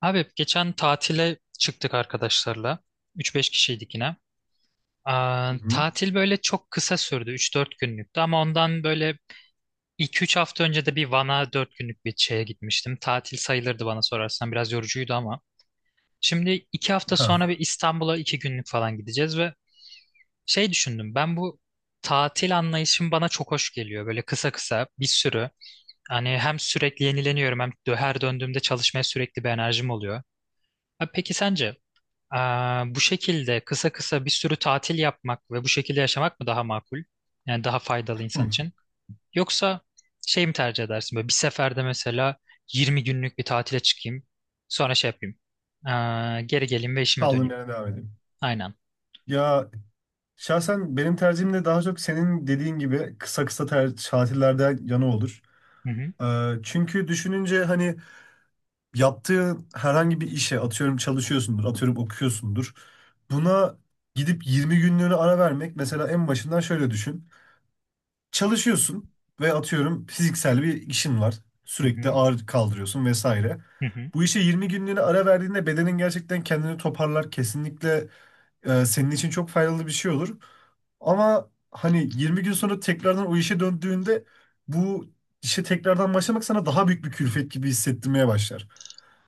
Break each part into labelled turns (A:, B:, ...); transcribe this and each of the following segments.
A: Abi geçen tatile çıktık arkadaşlarla. Üç beş kişiydik yine.
B: Hı hı.
A: Tatil böyle çok kısa sürdü. Üç dört günlüktü ama ondan böyle iki üç hafta önce de bir Van'a 4 günlük bir şeye gitmiştim. Tatil sayılırdı bana sorarsan. Biraz yorucuydu ama. Şimdi 2 hafta sonra
B: Ha.
A: bir İstanbul'a 2 günlük falan gideceğiz ve şey düşündüm. Ben bu tatil anlayışım bana çok hoş geliyor. Böyle kısa kısa bir sürü. Hani hem sürekli yenileniyorum hem her döndüğümde çalışmaya sürekli bir enerjim oluyor. Abi peki sence? Bu şekilde kısa kısa bir sürü tatil yapmak ve bu şekilde yaşamak mı daha makul? Yani daha faydalı
B: Hı.
A: insan için. Yoksa şey mi tercih edersin? Böyle bir seferde mesela 20 günlük bir tatile çıkayım. Sonra şey yapayım. Geri geleyim ve işime
B: Kaldığım
A: döneyim.
B: yerden devam edeyim.
A: Aynen.
B: Ya şahsen benim tercihim de daha çok senin dediğin gibi kısa kısa tatillerde yana olur.
A: Hı hı,
B: Çünkü düşününce hani yaptığın herhangi bir işe atıyorum çalışıyorsundur, atıyorum okuyorsundur. Buna gidip 20 günlüğüne ara vermek mesela en başından şöyle düşün. Çalışıyorsun ve atıyorum fiziksel bir işin var.
A: hı
B: Sürekli
A: hı,
B: ağır kaldırıyorsun vesaire.
A: hı hı,
B: Bu işe 20 günlüğüne ara verdiğinde bedenin gerçekten kendini toparlar. Kesinlikle senin için çok faydalı bir şey olur. Ama hani 20 gün sonra tekrardan o işe döndüğünde bu işe tekrardan başlamak sana daha büyük bir külfet gibi hissettirmeye başlar.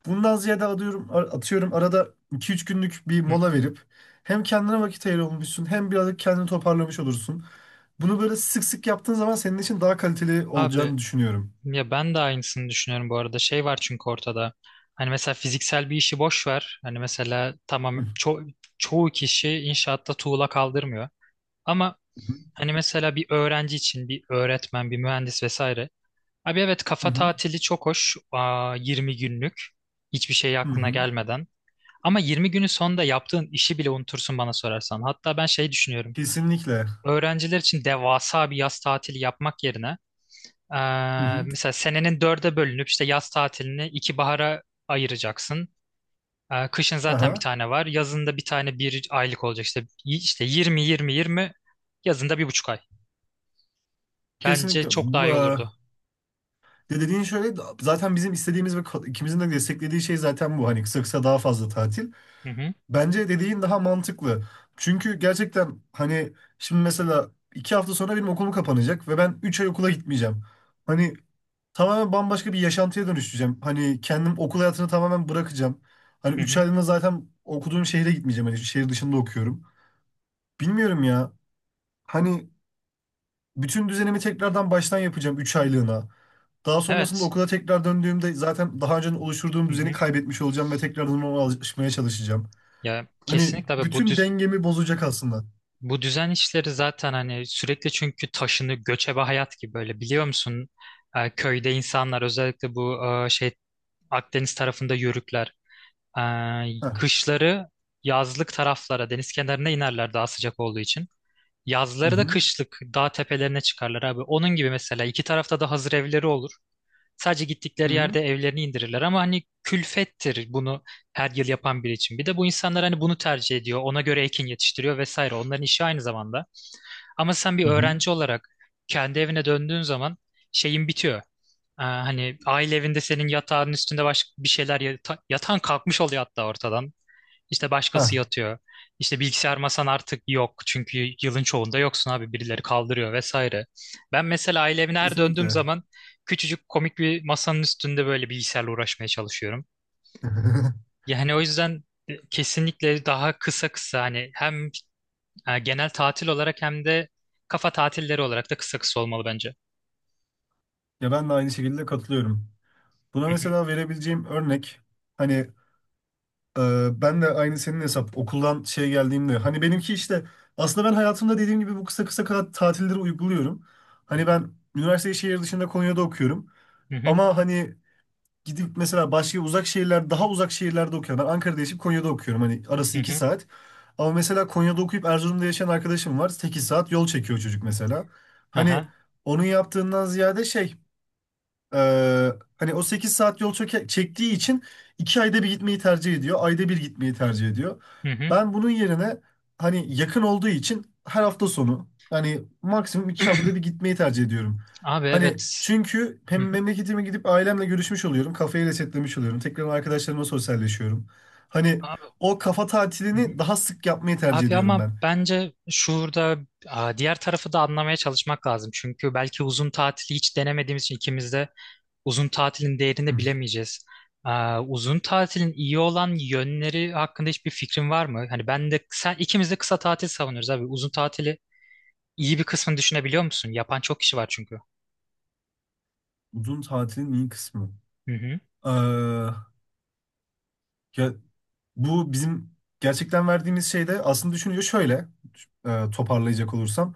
B: Bundan ziyade atıyorum arada 2-3 günlük bir
A: hı hı.
B: mola verip hem kendine vakit ayırmışsın hem birazcık kendini toparlamış olursun. Bunu böyle sık sık yaptığın zaman senin için daha kaliteli
A: Abi
B: olacağını düşünüyorum.
A: ya ben de aynısını düşünüyorum bu arada. Şey var çünkü ortada. Hani mesela fiziksel bir işi boş ver. Hani mesela
B: Hı
A: tamam çoğu kişi inşaatta tuğla kaldırmıyor. Ama
B: hı,
A: hani mesela bir öğrenci için bir öğretmen, bir mühendis vesaire. Abi evet,
B: hı
A: kafa
B: hı,
A: tatili çok hoş. 20 günlük. Hiçbir şey
B: hı
A: aklına
B: hı.
A: gelmeden. Ama 20 günün sonunda yaptığın işi bile unutursun bana sorarsan. Hatta ben şey düşünüyorum.
B: Kesinlikle.
A: Öğrenciler için devasa bir yaz tatili yapmak yerine
B: Hı hı.
A: mesela senenin dörde bölünüp işte yaz tatilini iki bahara ayıracaksın. Kışın zaten bir
B: Aha.
A: tane var. Yazın da bir tane bir aylık olacak. İşte 20-20-20 yazında bir buçuk ay. Bence
B: Kesinlikle.
A: çok daha
B: Bu,
A: iyi
B: e,
A: olurdu.
B: De dediğin şöyle zaten bizim istediğimiz ve ikimizin de desteklediği şey zaten bu. Hani kısa kısa daha fazla tatil.
A: Hı hı,
B: Bence dediğin daha mantıklı. Çünkü gerçekten hani şimdi mesela 2 hafta sonra benim okulum kapanacak ve ben 3 ay okula gitmeyeceğim. Hani tamamen bambaşka bir yaşantıya dönüşeceğim. Hani kendim okul hayatını tamamen bırakacağım. Hani
A: hı
B: üç
A: hı.
B: aylığına zaten okuduğum şehre gitmeyeceğim. Hani şehir dışında okuyorum. Bilmiyorum ya. Hani bütün düzenimi tekrardan baştan yapacağım 3 aylığına. Daha sonrasında
A: Evet.
B: okula tekrar döndüğümde zaten daha önce oluşturduğum
A: Hı
B: düzeni
A: hı.
B: kaybetmiş olacağım ve tekrardan ona alışmaya çalışacağım.
A: Ya
B: Hani
A: kesinlikle abi, bu
B: bütün dengemi bozacak aslında.
A: bu düzen işleri zaten hani sürekli çünkü taşını göçebe hayat gibi böyle, biliyor musun? Köyde insanlar özellikle bu şey Akdeniz tarafında yörükler, e,
B: Heh.
A: kışları yazlık taraflara deniz kenarına inerler daha sıcak olduğu için.
B: Hı
A: Yazları da
B: hı.
A: kışlık dağ tepelerine çıkarlar abi. Onun gibi mesela iki tarafta da hazır evleri olur. Sadece
B: Hı
A: gittikleri
B: hı.
A: yerde evlerini indirirler ama hani külfettir bunu her yıl yapan biri için. Bir de bu insanlar hani bunu tercih ediyor. Ona göre ekin yetiştiriyor vesaire. Onların işi aynı zamanda. Ama sen bir
B: Hı hı.
A: öğrenci olarak kendi evine döndüğün zaman şeyin bitiyor. Hani aile evinde senin yatağın üstünde başka bir şeyler yatan kalkmış oluyor hatta ortadan. İşte
B: Heh.
A: başkası yatıyor. İşte bilgisayar masan artık yok. Çünkü yılın çoğunda yoksun abi. Birileri kaldırıyor vesaire. Ben mesela aile evine her döndüğüm
B: Kesinlikle.
A: zaman küçücük komik bir masanın üstünde böyle bilgisayarla uğraşmaya çalışıyorum. Yani o yüzden kesinlikle daha kısa kısa hani hem genel tatil olarak hem de kafa tatilleri olarak da kısa kısa olmalı bence.
B: Ya ben de aynı şekilde katılıyorum. Buna
A: Hı hı,
B: mesela verebileceğim örnek hani ben de aynı senin hesap okuldan şey geldiğimde hani benimki işte aslında ben hayatımda dediğim gibi bu kısa kısa tatilleri uyguluyorum. Hani ben üniversiteyi şehir dışında Konya'da okuyorum
A: hı hı,
B: ama hani gidip mesela başka uzak şehirler daha uzak şehirlerde okuyorum. Ben Ankara'da yaşayıp Konya'da okuyorum hani
A: hı
B: arası 2
A: hı.
B: saat. Ama mesela Konya'da okuyup Erzurum'da yaşayan arkadaşım var. 8 saat yol çekiyor çocuk mesela. Hani
A: Aha.
B: onun yaptığından ziyade ee, hani o 8 saat yol çektiği için 2 ayda bir gitmeyi tercih ediyor. Ayda bir gitmeyi tercih ediyor.
A: Hı hı.
B: Ben bunun yerine hani yakın olduğu için her hafta sonu yani maksimum 2 haftada bir gitmeyi tercih ediyorum.
A: Abi
B: Hani
A: evet.
B: çünkü
A: Hı
B: hem
A: hı.
B: memleketime gidip ailemle görüşmüş oluyorum. Kafayı resetlemiş oluyorum. Tekrar arkadaşlarımla sosyalleşiyorum. Hani
A: Abi.
B: o kafa
A: Hı hı.
B: tatilini daha sık yapmayı tercih
A: Abi
B: ediyorum
A: ama
B: ben.
A: bence şurada, diğer tarafı da anlamaya çalışmak lazım. Çünkü belki uzun tatili hiç denemediğimiz için ikimiz de uzun tatilin
B: Hı.
A: değerini bilemeyeceğiz. Uzun tatilin iyi olan yönleri hakkında hiçbir fikrin var mı? Hani ben de sen, ikimiz de kısa tatil savunuyoruz abi. Uzun tatili iyi bir kısmını düşünebiliyor musun? Yapan çok kişi var çünkü.
B: Uzun tatilin iyi kısmı.
A: Hı hı,
B: Ee, ya Bu bizim gerçekten verdiğimiz şeyde aslında düşünüyor şöyle, toparlayacak olursam.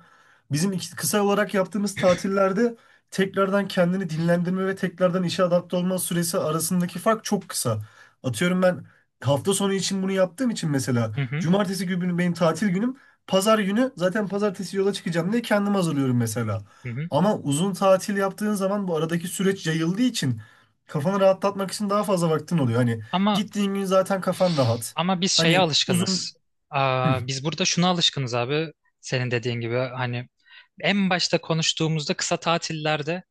B: Bizim kısa olarak yaptığımız tatillerde tekrardan kendini dinlendirme ve tekrardan işe adapte olma süresi arasındaki fark çok kısa. Atıyorum ben hafta sonu için bunu yaptığım için mesela
A: hı hı,
B: cumartesi günü benim tatil günüm. Pazar günü zaten pazartesi yola çıkacağım diye kendimi hazırlıyorum mesela.
A: hı hı.
B: Ama uzun tatil yaptığın zaman bu aradaki süreç yayıldığı için kafanı rahatlatmak için daha fazla vaktin oluyor. Hani
A: Ama
B: gittiğin gün zaten kafan rahat.
A: Ama biz şeye
B: Hani uzun...
A: alışkınız.
B: Hı,
A: Biz burada şuna alışkınız abi. Senin dediğin gibi hani en başta konuştuğumuzda kısa tatillerde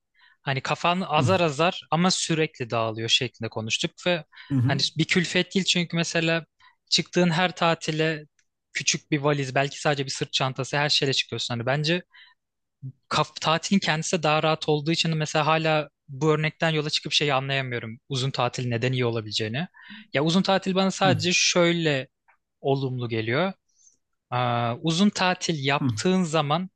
A: hani kafan
B: hı,
A: azar azar ama sürekli dağılıyor şeklinde konuştuk ve
B: hı,
A: hani
B: hı,
A: bir külfet değil çünkü mesela çıktığın her tatile küçük bir valiz belki sadece bir sırt çantası her şeyle çıkıyorsun. Hani bence kaf tatilin kendisi de daha rahat olduğu için mesela hala bu örnekten yola çıkıp şeyi anlayamıyorum. Uzun tatil neden iyi olabileceğini. Ya uzun tatil bana
B: hı,
A: sadece şöyle olumlu geliyor. Uzun tatil
B: hı,
A: yaptığın zaman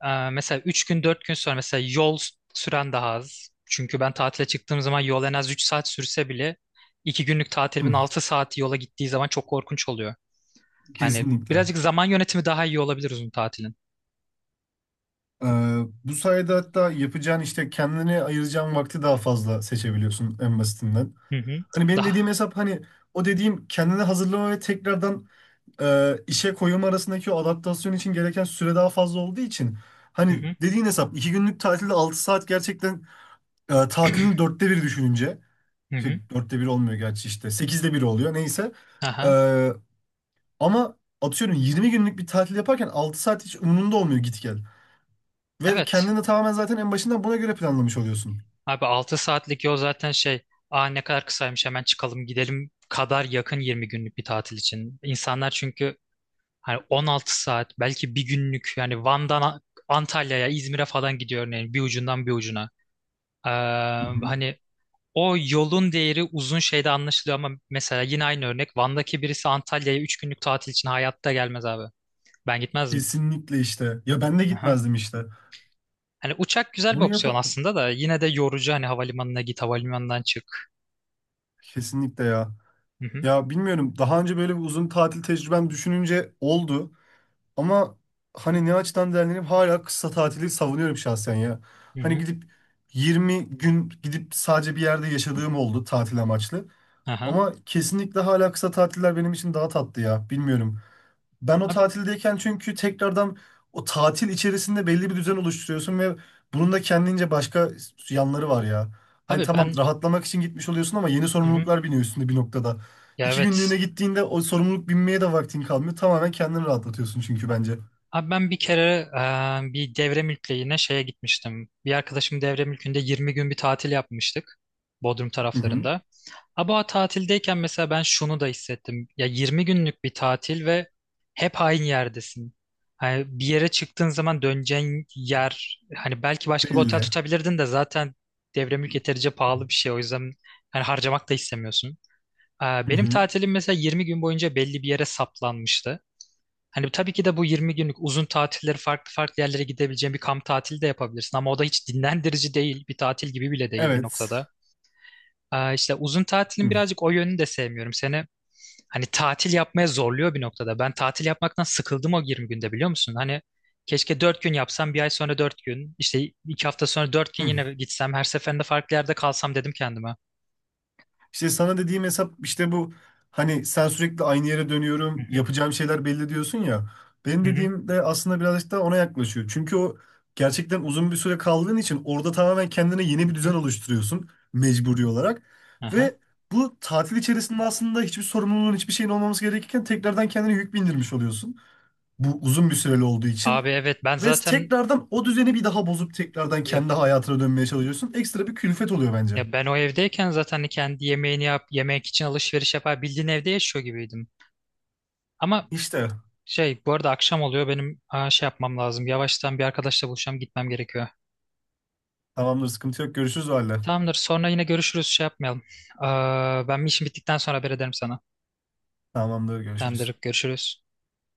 A: mesela 3 gün 4 gün sonra mesela yol süren daha az. Çünkü ben tatile çıktığım zaman yol en az 3 saat sürse bile 2 günlük
B: hı.
A: tatilimin 6 saati yola gittiği zaman çok korkunç oluyor. Hani
B: Kesinlikle.
A: birazcık zaman yönetimi daha iyi olabilir uzun tatilin.
B: Ee, bu sayede hatta yapacağın işte kendine ayıracağın vakti daha fazla seçebiliyorsun en basitinden.
A: Hı hı.
B: Hani benim
A: Daha.
B: dediğim hesap hani o dediğim kendini hazırlama ve tekrardan işe koyum arasındaki o adaptasyon için gereken süre daha fazla olduğu için
A: Hı
B: hani
A: hı.
B: dediğin hesap iki günlük tatilde 6 saat gerçekten tatilin dörtte biri düşününce.
A: Hı hı.
B: Şey, dörtte bir olmuyor gerçi işte. Sekizde bir oluyor neyse.
A: Aha.
B: Ee, ama atıyorum 20 günlük bir tatil yaparken 6 saat hiç umurunda olmuyor git gel. Ve
A: Evet.
B: kendini de tamamen zaten en başından buna göre planlamış oluyorsun.
A: Abi 6 saatlik yol zaten şey. Ne kadar kısaymış, hemen çıkalım gidelim kadar yakın 20 günlük bir tatil için. İnsanlar çünkü hani 16 saat belki bir günlük, yani Van'dan Antalya'ya, İzmir'e falan gidiyor örneğin bir ucundan bir ucuna. Ee,
B: Hı hı.
A: Hani o yolun değeri uzun şeyde anlaşılıyor ama mesela yine aynı örnek Van'daki birisi Antalya'ya 3 günlük tatil için hayatta gelmez abi. Ben gitmezdim.
B: Kesinlikle işte. Ya ben de
A: Aha.
B: gitmezdim işte.
A: Hani uçak güzel bir
B: Bunu yap
A: opsiyon aslında da yine de yorucu, hani havalimanına git, havalimanından çık.
B: kesinlikle ya.
A: Hı hı.
B: Ya bilmiyorum daha önce böyle bir uzun tatil tecrübem düşününce oldu. Ama hani ne açıdan değerlendireyim hala kısa tatili savunuyorum şahsen ya.
A: Hı
B: Hani
A: hı.
B: gidip 20 gün gidip sadece bir yerde yaşadığım oldu tatil amaçlı.
A: Aha.
B: Ama kesinlikle hala kısa tatiller benim için daha tatlı ya. Bilmiyorum. Ben o
A: Ab-
B: tatildeyken çünkü tekrardan o tatil içerisinde belli bir düzen oluşturuyorsun ve bunun da kendince başka yanları var ya. Hani
A: Abi
B: tamam,
A: ben,
B: rahatlamak için gitmiş oluyorsun ama yeni
A: hı hı.
B: sorumluluklar biniyor üstünde bir noktada.
A: Ya
B: İki
A: evet.
B: günlüğüne gittiğinde o sorumluluk binmeye de vaktin kalmıyor. Tamamen kendini rahatlatıyorsun çünkü bence.
A: Abi ben bir kere bir devre mülkle yine şeye gitmiştim. Bir arkadaşım devre mülkünde 20 gün bir tatil yapmıştık. Bodrum
B: Hı hı.
A: taraflarında. Ama o tatildeyken mesela ben şunu da hissettim. Ya 20 günlük bir tatil ve hep aynı yerdesin. Hani bir yere çıktığın zaman döneceğin yer, hani belki başka bir otel
B: Belli.
A: tutabilirdin de zaten devre mülk yeterince pahalı bir şey. O yüzden hani harcamak da istemiyorsun.
B: Hı
A: Benim
B: hı.
A: tatilim mesela 20 gün boyunca belli bir yere saplanmıştı. Hani tabii ki de bu 20 günlük uzun tatilleri farklı farklı yerlere gidebileceğin bir kamp tatili de yapabilirsin ama o da hiç dinlendirici değil. Bir tatil gibi bile değil bir
B: Evet.
A: noktada. İşte uzun tatilin
B: Hı,
A: birazcık o yönünü de sevmiyorum. Seni hani tatil yapmaya zorluyor bir noktada. Ben tatil yapmaktan sıkıldım o 20 günde, biliyor musun? Hani keşke 4 gün yapsam, bir ay sonra 4 gün, işte 2 hafta sonra 4 gün
B: hı.
A: yine gitsem, her seferinde farklı yerde kalsam dedim kendime.
B: İşte sana dediğim hesap işte bu, hani sen sürekli aynı yere
A: Hı
B: dönüyorum
A: hı,
B: yapacağım şeyler belli diyorsun ya. Benim
A: hı hı,
B: dediğim de aslında birazcık da ona yaklaşıyor. Çünkü o gerçekten uzun bir süre kaldığın için orada tamamen kendine yeni
A: hı
B: bir
A: hı.
B: düzen oluşturuyorsun mecburi olarak.
A: Aha.
B: Ve bu tatil içerisinde aslında hiçbir sorumluluğun hiçbir şeyin olmaması gerekirken tekrardan kendine yük bindirmiş oluyorsun. Bu uzun bir süreli olduğu için.
A: Abi evet ben
B: Ve
A: zaten
B: tekrardan o düzeni bir daha bozup tekrardan
A: ya.
B: kendi hayatına dönmeye çalışıyorsun. Ekstra bir külfet oluyor bence.
A: Ya ben o evdeyken zaten hani kendi yemeğini yap, yemek için alışveriş yapar, bildiğin evde yaşıyor gibiydim. Ama
B: İşte.
A: şey bu arada akşam oluyor, benim şey yapmam lazım. Yavaştan bir arkadaşla buluşacağım, gitmem gerekiyor.
B: Tamamdır, sıkıntı yok. Görüşürüz o halde.
A: Tamamdır, sonra yine görüşürüz, şey yapmayalım. Ben işim bittikten sonra haber ederim sana.
B: Tamamdır, görüşürüz.
A: Tamamdır, görüşürüz.